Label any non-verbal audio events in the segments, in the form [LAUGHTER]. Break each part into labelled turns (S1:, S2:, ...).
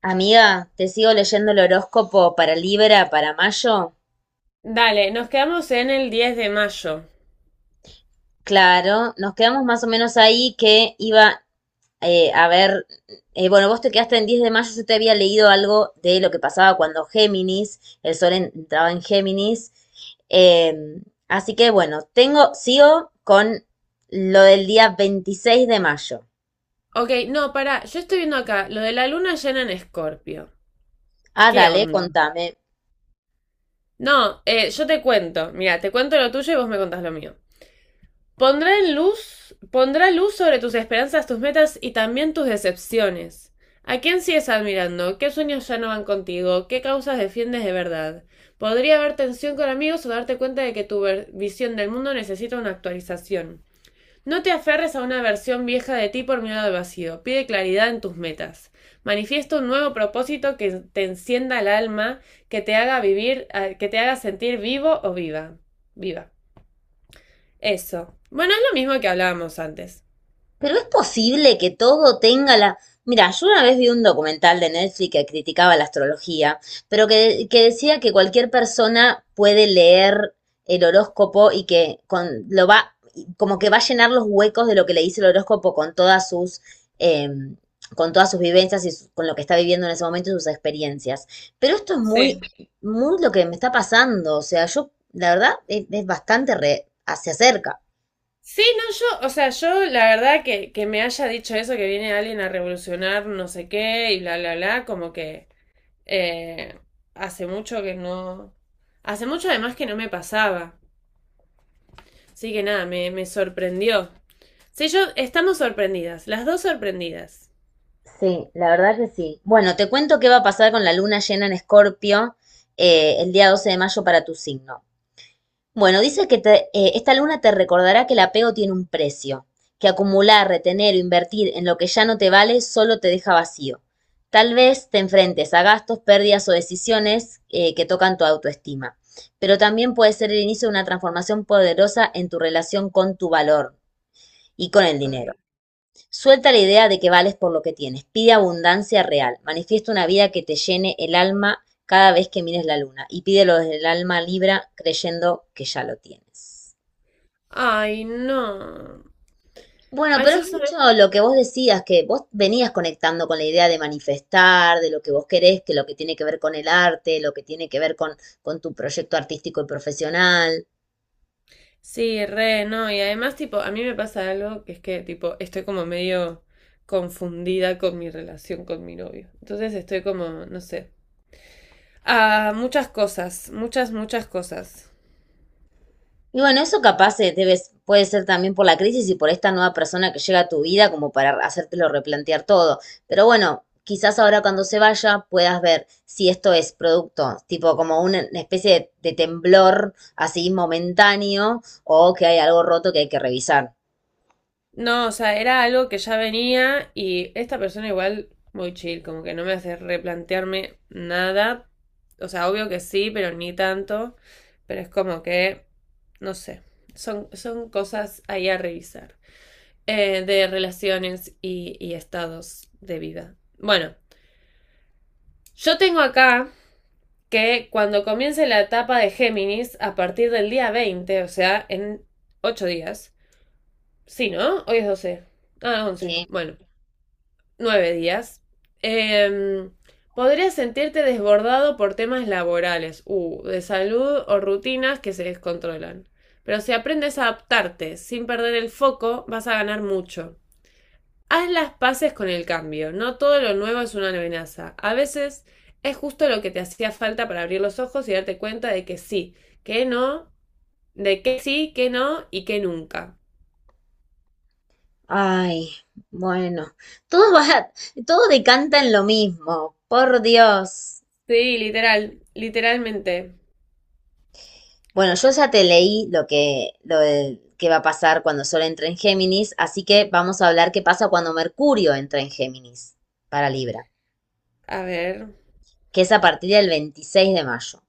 S1: Amiga, ¿te sigo leyendo el horóscopo para Libra para mayo?
S2: Dale, nos quedamos en el 10 de mayo.
S1: Claro, nos quedamos más o menos ahí que iba. eh, a ver, bueno, vos te quedaste en 10 de mayo. Yo te había leído algo de lo que pasaba cuando Géminis, el sol entraba en Géminis. eh, Así que bueno, sigo con lo del día 26 de mayo.
S2: Ok, no, pará, yo estoy viendo acá lo de la luna llena en Escorpio.
S1: Ah,
S2: ¿Qué
S1: dale,
S2: onda?
S1: contame.
S2: No, yo te cuento. Mira, te cuento lo tuyo y vos me contás lo mío. Pondrá en luz, pondrá luz sobre tus esperanzas, tus metas y también tus decepciones. ¿A quién sigues admirando? ¿Qué sueños ya no van contigo? ¿Qué causas defiendes de verdad? Podría haber tensión con amigos o darte cuenta de que tu visión del mundo necesita una actualización. No te aferres a una versión vieja de ti por miedo al vacío. Pide claridad en tus metas. Manifiesta un nuevo propósito que te encienda el alma, que te haga vivir, que te haga sentir vivo o viva. Viva. Eso. Bueno, es lo mismo que hablábamos antes.
S1: Pero es posible que todo tenga la... Mira, yo una vez vi un documental de Netflix que criticaba la astrología, pero que decía que cualquier persona puede leer el horóscopo y que como que va a llenar los huecos de lo que le dice el horóscopo eh, con todas sus vivencias y su- con lo que está viviendo en ese momento y sus experiencias. Pero esto es
S2: Sí.
S1: muy lo que me está pasando. O sea, yo, la verdad, es bastante re- hacia cerca.
S2: Sí, no, yo, o sea, yo la verdad que me haya dicho eso, que viene alguien a revolucionar no sé qué y bla, bla, bla, como que eh, hace mucho que no... Hace mucho además que no me pasaba. Así que nada, me sorprendió. Sí, yo estamos sorprendidas, las dos sorprendidas.
S1: Sí, la verdad que sí. Bueno, te cuento qué va a pasar con la luna llena en Escorpio el día 12 de mayo para tu signo. Bueno, dice que te- esta luna te recordará que el apego tiene un precio, que acumular, retener o invertir en lo que ya no te vale solo te deja vacío. Tal vez te enfrentes a gastos, pérdidas o decisiones que tocan tu autoestima, pero también puede ser el inicio de una transformación poderosa en tu relación con tu valor y con el dinero.
S2: Ay,
S1: Suelta la idea de que vales por lo que tienes, pide abundancia real, manifiesta una vida que te llene el alma cada vez que mires la luna y pídelo desde el alma libra creyendo que ya lo tienes.
S2: ay, no.
S1: Bueno,
S2: Ay,
S1: pero
S2: yo
S1: es
S2: soy...
S1: mucho lo que vos decías, que vos venías conectando con la idea de manifestar, de lo que vos querés, que lo que tiene que ver con el arte, lo que tiene que ver con tu proyecto artístico y profesional.
S2: Sí, re, no. Y además, tipo, a mí me pasa algo que es que, tipo, estoy como medio confundida con mi relación con mi novio. Entonces estoy como, no sé. Ah, muchas cosas, muchas, muchas cosas.
S1: Y bueno, eso capaz debe- puede ser también por la crisis y por esta nueva persona que llega a tu vida como para hacértelo replantear todo. Pero bueno, quizás ahora cuando se vaya puedas ver si esto es producto, tipo como una especie de temblor así momentáneo o que hay algo roto que hay que revisar.
S2: No, o sea, era algo que ya venía y esta persona igual muy chill, como que no me hace replantearme nada. O sea, obvio que sí, pero ni tanto. Pero es como que, no sé, son cosas ahí a revisar. De relaciones y estados de vida. Bueno, yo tengo acá que cuando comience la etapa de Géminis, a partir del día 20, o sea, en 8 días. Sí, ¿no? Hoy es 12. Ah, 11.
S1: Sí.
S2: Bueno. Nueve días. Eh, Podrías sentirte desbordado por temas laborales, de salud o rutinas que se descontrolan. Pero si aprendes a adaptarte sin perder el foco, vas a ganar mucho. Haz las paces con el cambio. No todo lo nuevo es una amenaza. A veces es justo lo que te hacía falta para abrir los ojos y darte cuenta de que sí, que no, de que sí, que no y que nunca.
S1: Ay, bueno, todo va, todo decanta en lo mismo, por Dios.
S2: Sí, literal, literalmente.
S1: Bueno, yo ya te leí lo del- que va a pasar cuando Sol entre en Géminis, así que vamos a hablar qué pasa cuando Mercurio entra en Géminis para Libra,
S2: A ver.
S1: que es a partir del 26 de mayo.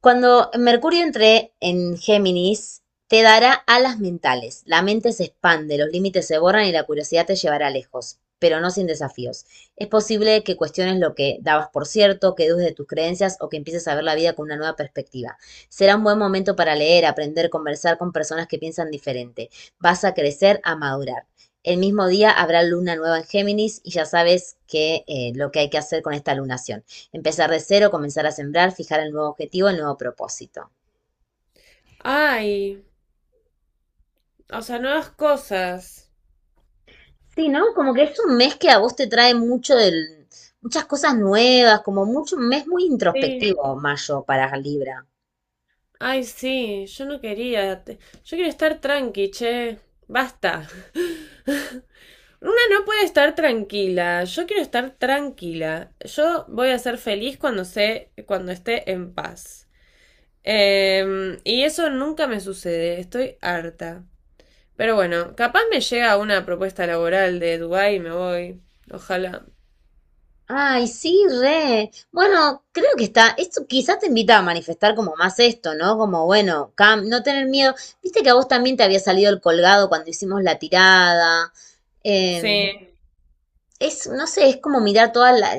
S1: Cuando Mercurio entre en Géminis, te dará alas mentales. La mente se expande, los límites se borran y la curiosidad te llevará lejos, pero no sin desafíos. Es posible que cuestiones lo que dabas por cierto, que dudes de tus creencias o que empieces a ver la vida con una nueva perspectiva. Será un buen momento para leer, aprender, conversar con personas que piensan diferente. Vas a crecer, a madurar. El mismo día habrá luna nueva en Géminis y ya sabes que lo que hay que hacer con esta lunación. Empezar de cero, comenzar a sembrar, fijar el nuevo objetivo, el nuevo propósito.
S2: Ay, o sea, nuevas cosas.
S1: Sí, ¿no? Como que es un mes que a vos te trae mucho muchas cosas nuevas, como mucho, un mes muy
S2: Sí,
S1: introspectivo, mayo, para Libra.
S2: ay, sí, yo no quería. Yo quiero estar tranqui, che. Basta. [LAUGHS] Una no puede estar tranquila. Yo quiero estar tranquila. Yo voy a ser feliz cuando sé, cuando esté en paz. Y eso nunca me sucede. Estoy harta. Pero bueno, capaz me llega una propuesta laboral de Dubái y me voy. Ojalá.
S1: Ay, sí, re. Bueno, creo que está. Esto quizás te invita a manifestar como más esto, ¿no? Como, bueno, Cam, no tener miedo. Viste que a vos también te había salido el colgado cuando hicimos la tirada. Em,
S2: Sí.
S1: no sé, es como mirar toda la,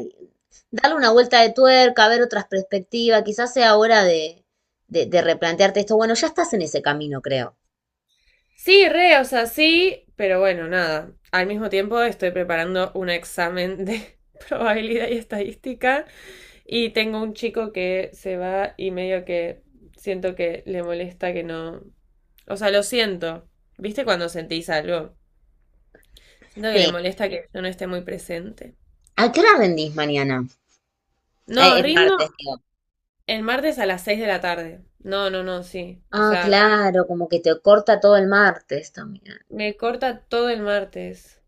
S1: darle una vuelta de tuerca, ver otras perspectivas. Quizás sea hora de replantearte esto. Bueno, ya estás en ese camino, creo.
S2: Sí, re, o sea, sí, pero bueno, nada. Al mismo tiempo estoy preparando un examen de [LAUGHS] probabilidad y estadística y tengo un chico que se va y medio que siento que le molesta que no... O sea, lo siento. ¿Viste cuando sentís algo? Siento que le
S1: Sí.
S2: molesta que yo no esté muy presente.
S1: ¿A qué hora rendís mañana?
S2: No,
S1: El
S2: rindo
S1: martes, digo.
S2: el martes a las 6 de la tarde. No, no, no, sí. O
S1: Ah,
S2: sea,
S1: claro, como que te corta todo el martes también.
S2: me, corta todo el martes.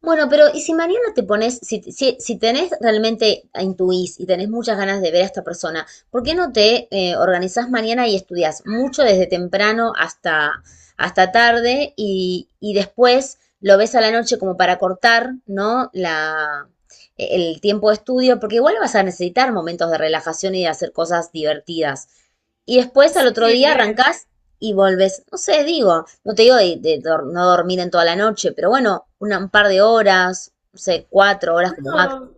S1: Bueno, pero y si mañana te pones, si tenés realmente ah, intuís y tenés muchas ganas de ver a esta persona, ¿por qué no te organizás mañana y estudias mucho desde temprano hasta tarde y después lo ves a la noche como para cortar, ¿no? El tiempo de estudio, porque igual vas a necesitar momentos de relajación y de hacer cosas divertidas. Y después al otro
S2: Sí,
S1: día
S2: re.
S1: arrancás y volvés, no sé, digo, no te digo no dormir en toda la noche, pero bueno, una- un par de horas, no sé, cuatro horas como máximo.
S2: No.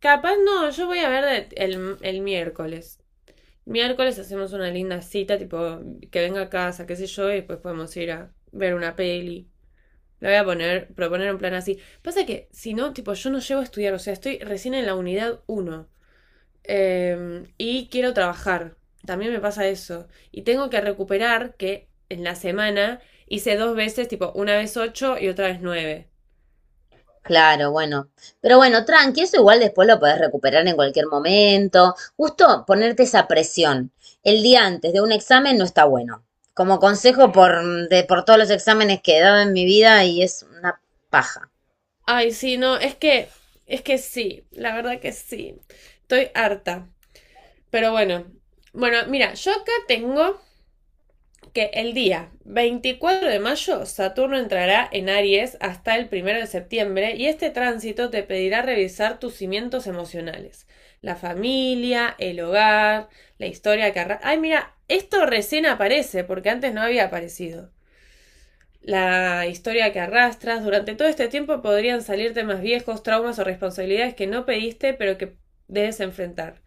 S2: Capaz no, yo voy a ver el miércoles. Miércoles hacemos una linda cita, tipo, que venga a casa, qué sé yo, y después podemos ir a ver una peli. Le voy a poner, proponer un plan así. Pasa que, si no, tipo, yo no llego a estudiar, o sea, estoy recién en la unidad uno y quiero trabajar. También me pasa eso. Y tengo que recuperar que en la semana hice dos veces, tipo, una vez 8 y otra vez nueve.
S1: Claro, bueno. Pero bueno, tranqui, eso igual después lo podés recuperar en cualquier momento. Justo ponerte esa presión el día antes de un examen no está bueno. Como consejo por todos los exámenes que he dado en mi vida y es una paja.
S2: Ay, sí, no, es que sí, la verdad que sí. Estoy harta. Pero bueno. Bueno, mira, yo acá tengo que el día 24 de mayo Saturno entrará en Aries hasta el 1 de septiembre y este tránsito te pedirá revisar tus cimientos emocionales, la familia, el hogar, la historia que Ay, mira, esto recién aparece porque antes no había aparecido. La historia que arrastras durante todo este tiempo podrían salir temas viejos, traumas o responsabilidades que no pediste pero que debes enfrentar.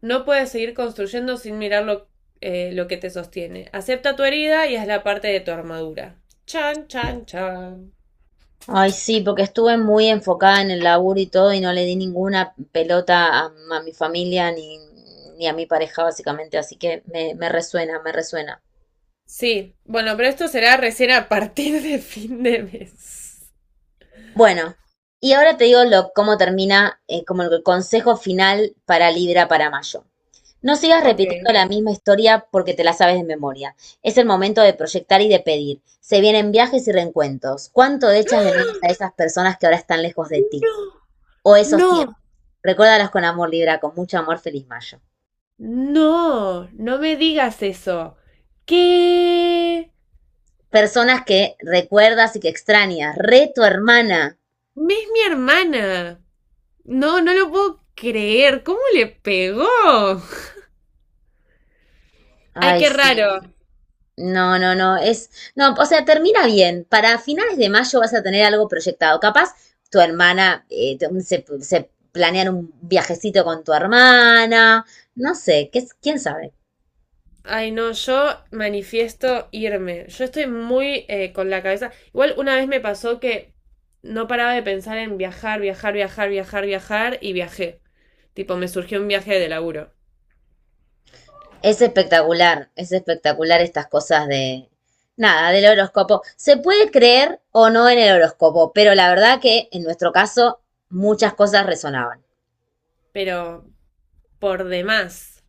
S2: No puedes seguir construyendo sin mirar lo que te sostiene. Acepta tu herida y hazla parte de tu armadura. Chan, chan, chan.
S1: Ay, sí, porque estuve muy enfocada en el laburo y todo y no le di ninguna pelota a mi familia ni a mi pareja, básicamente, así que me resuena, me resuena.
S2: Sí, bueno, pero esto será recién a partir de fin de mes.
S1: Bueno, y ahora te digo lo, cómo termina, como el consejo final para Libra para mayo. No sigas
S2: Ok.
S1: repitiendo la misma historia porque te la sabes de memoria. Es el momento de proyectar y de pedir. Se vienen viajes y reencuentros. ¿Cuánto echas de menos a esas personas que ahora están lejos de ti?
S2: No,
S1: O esos tiempos.
S2: no,
S1: Recuérdalos con amor, Libra, con mucho amor, feliz mayo.
S2: no, no me digas eso. ¿Qué? Es
S1: Personas que recuerdas y que extrañas. Re tu hermana.
S2: mi hermana. No, no lo puedo creer. ¿Cómo le pegó? Ay,
S1: Ay,
S2: qué raro.
S1: sí. No, no, no. Es. No, o sea, termina bien. Para finales de mayo vas a tener algo proyectado. Capaz tu hermana se planean un viajecito con tu hermana. No sé, quién sabe.
S2: Ay, no, yo manifiesto irme. Yo estoy muy con la cabeza. Igual una vez me pasó que no paraba de pensar en viajar, viajar, viajar, viajar, viajar y viajé. Tipo, me surgió un viaje de laburo.
S1: Es espectacular estas cosas de. Nada, del horóscopo. Se puede creer o no en el horóscopo, pero la verdad que en nuestro caso muchas cosas resonaban.
S2: Pero por demás.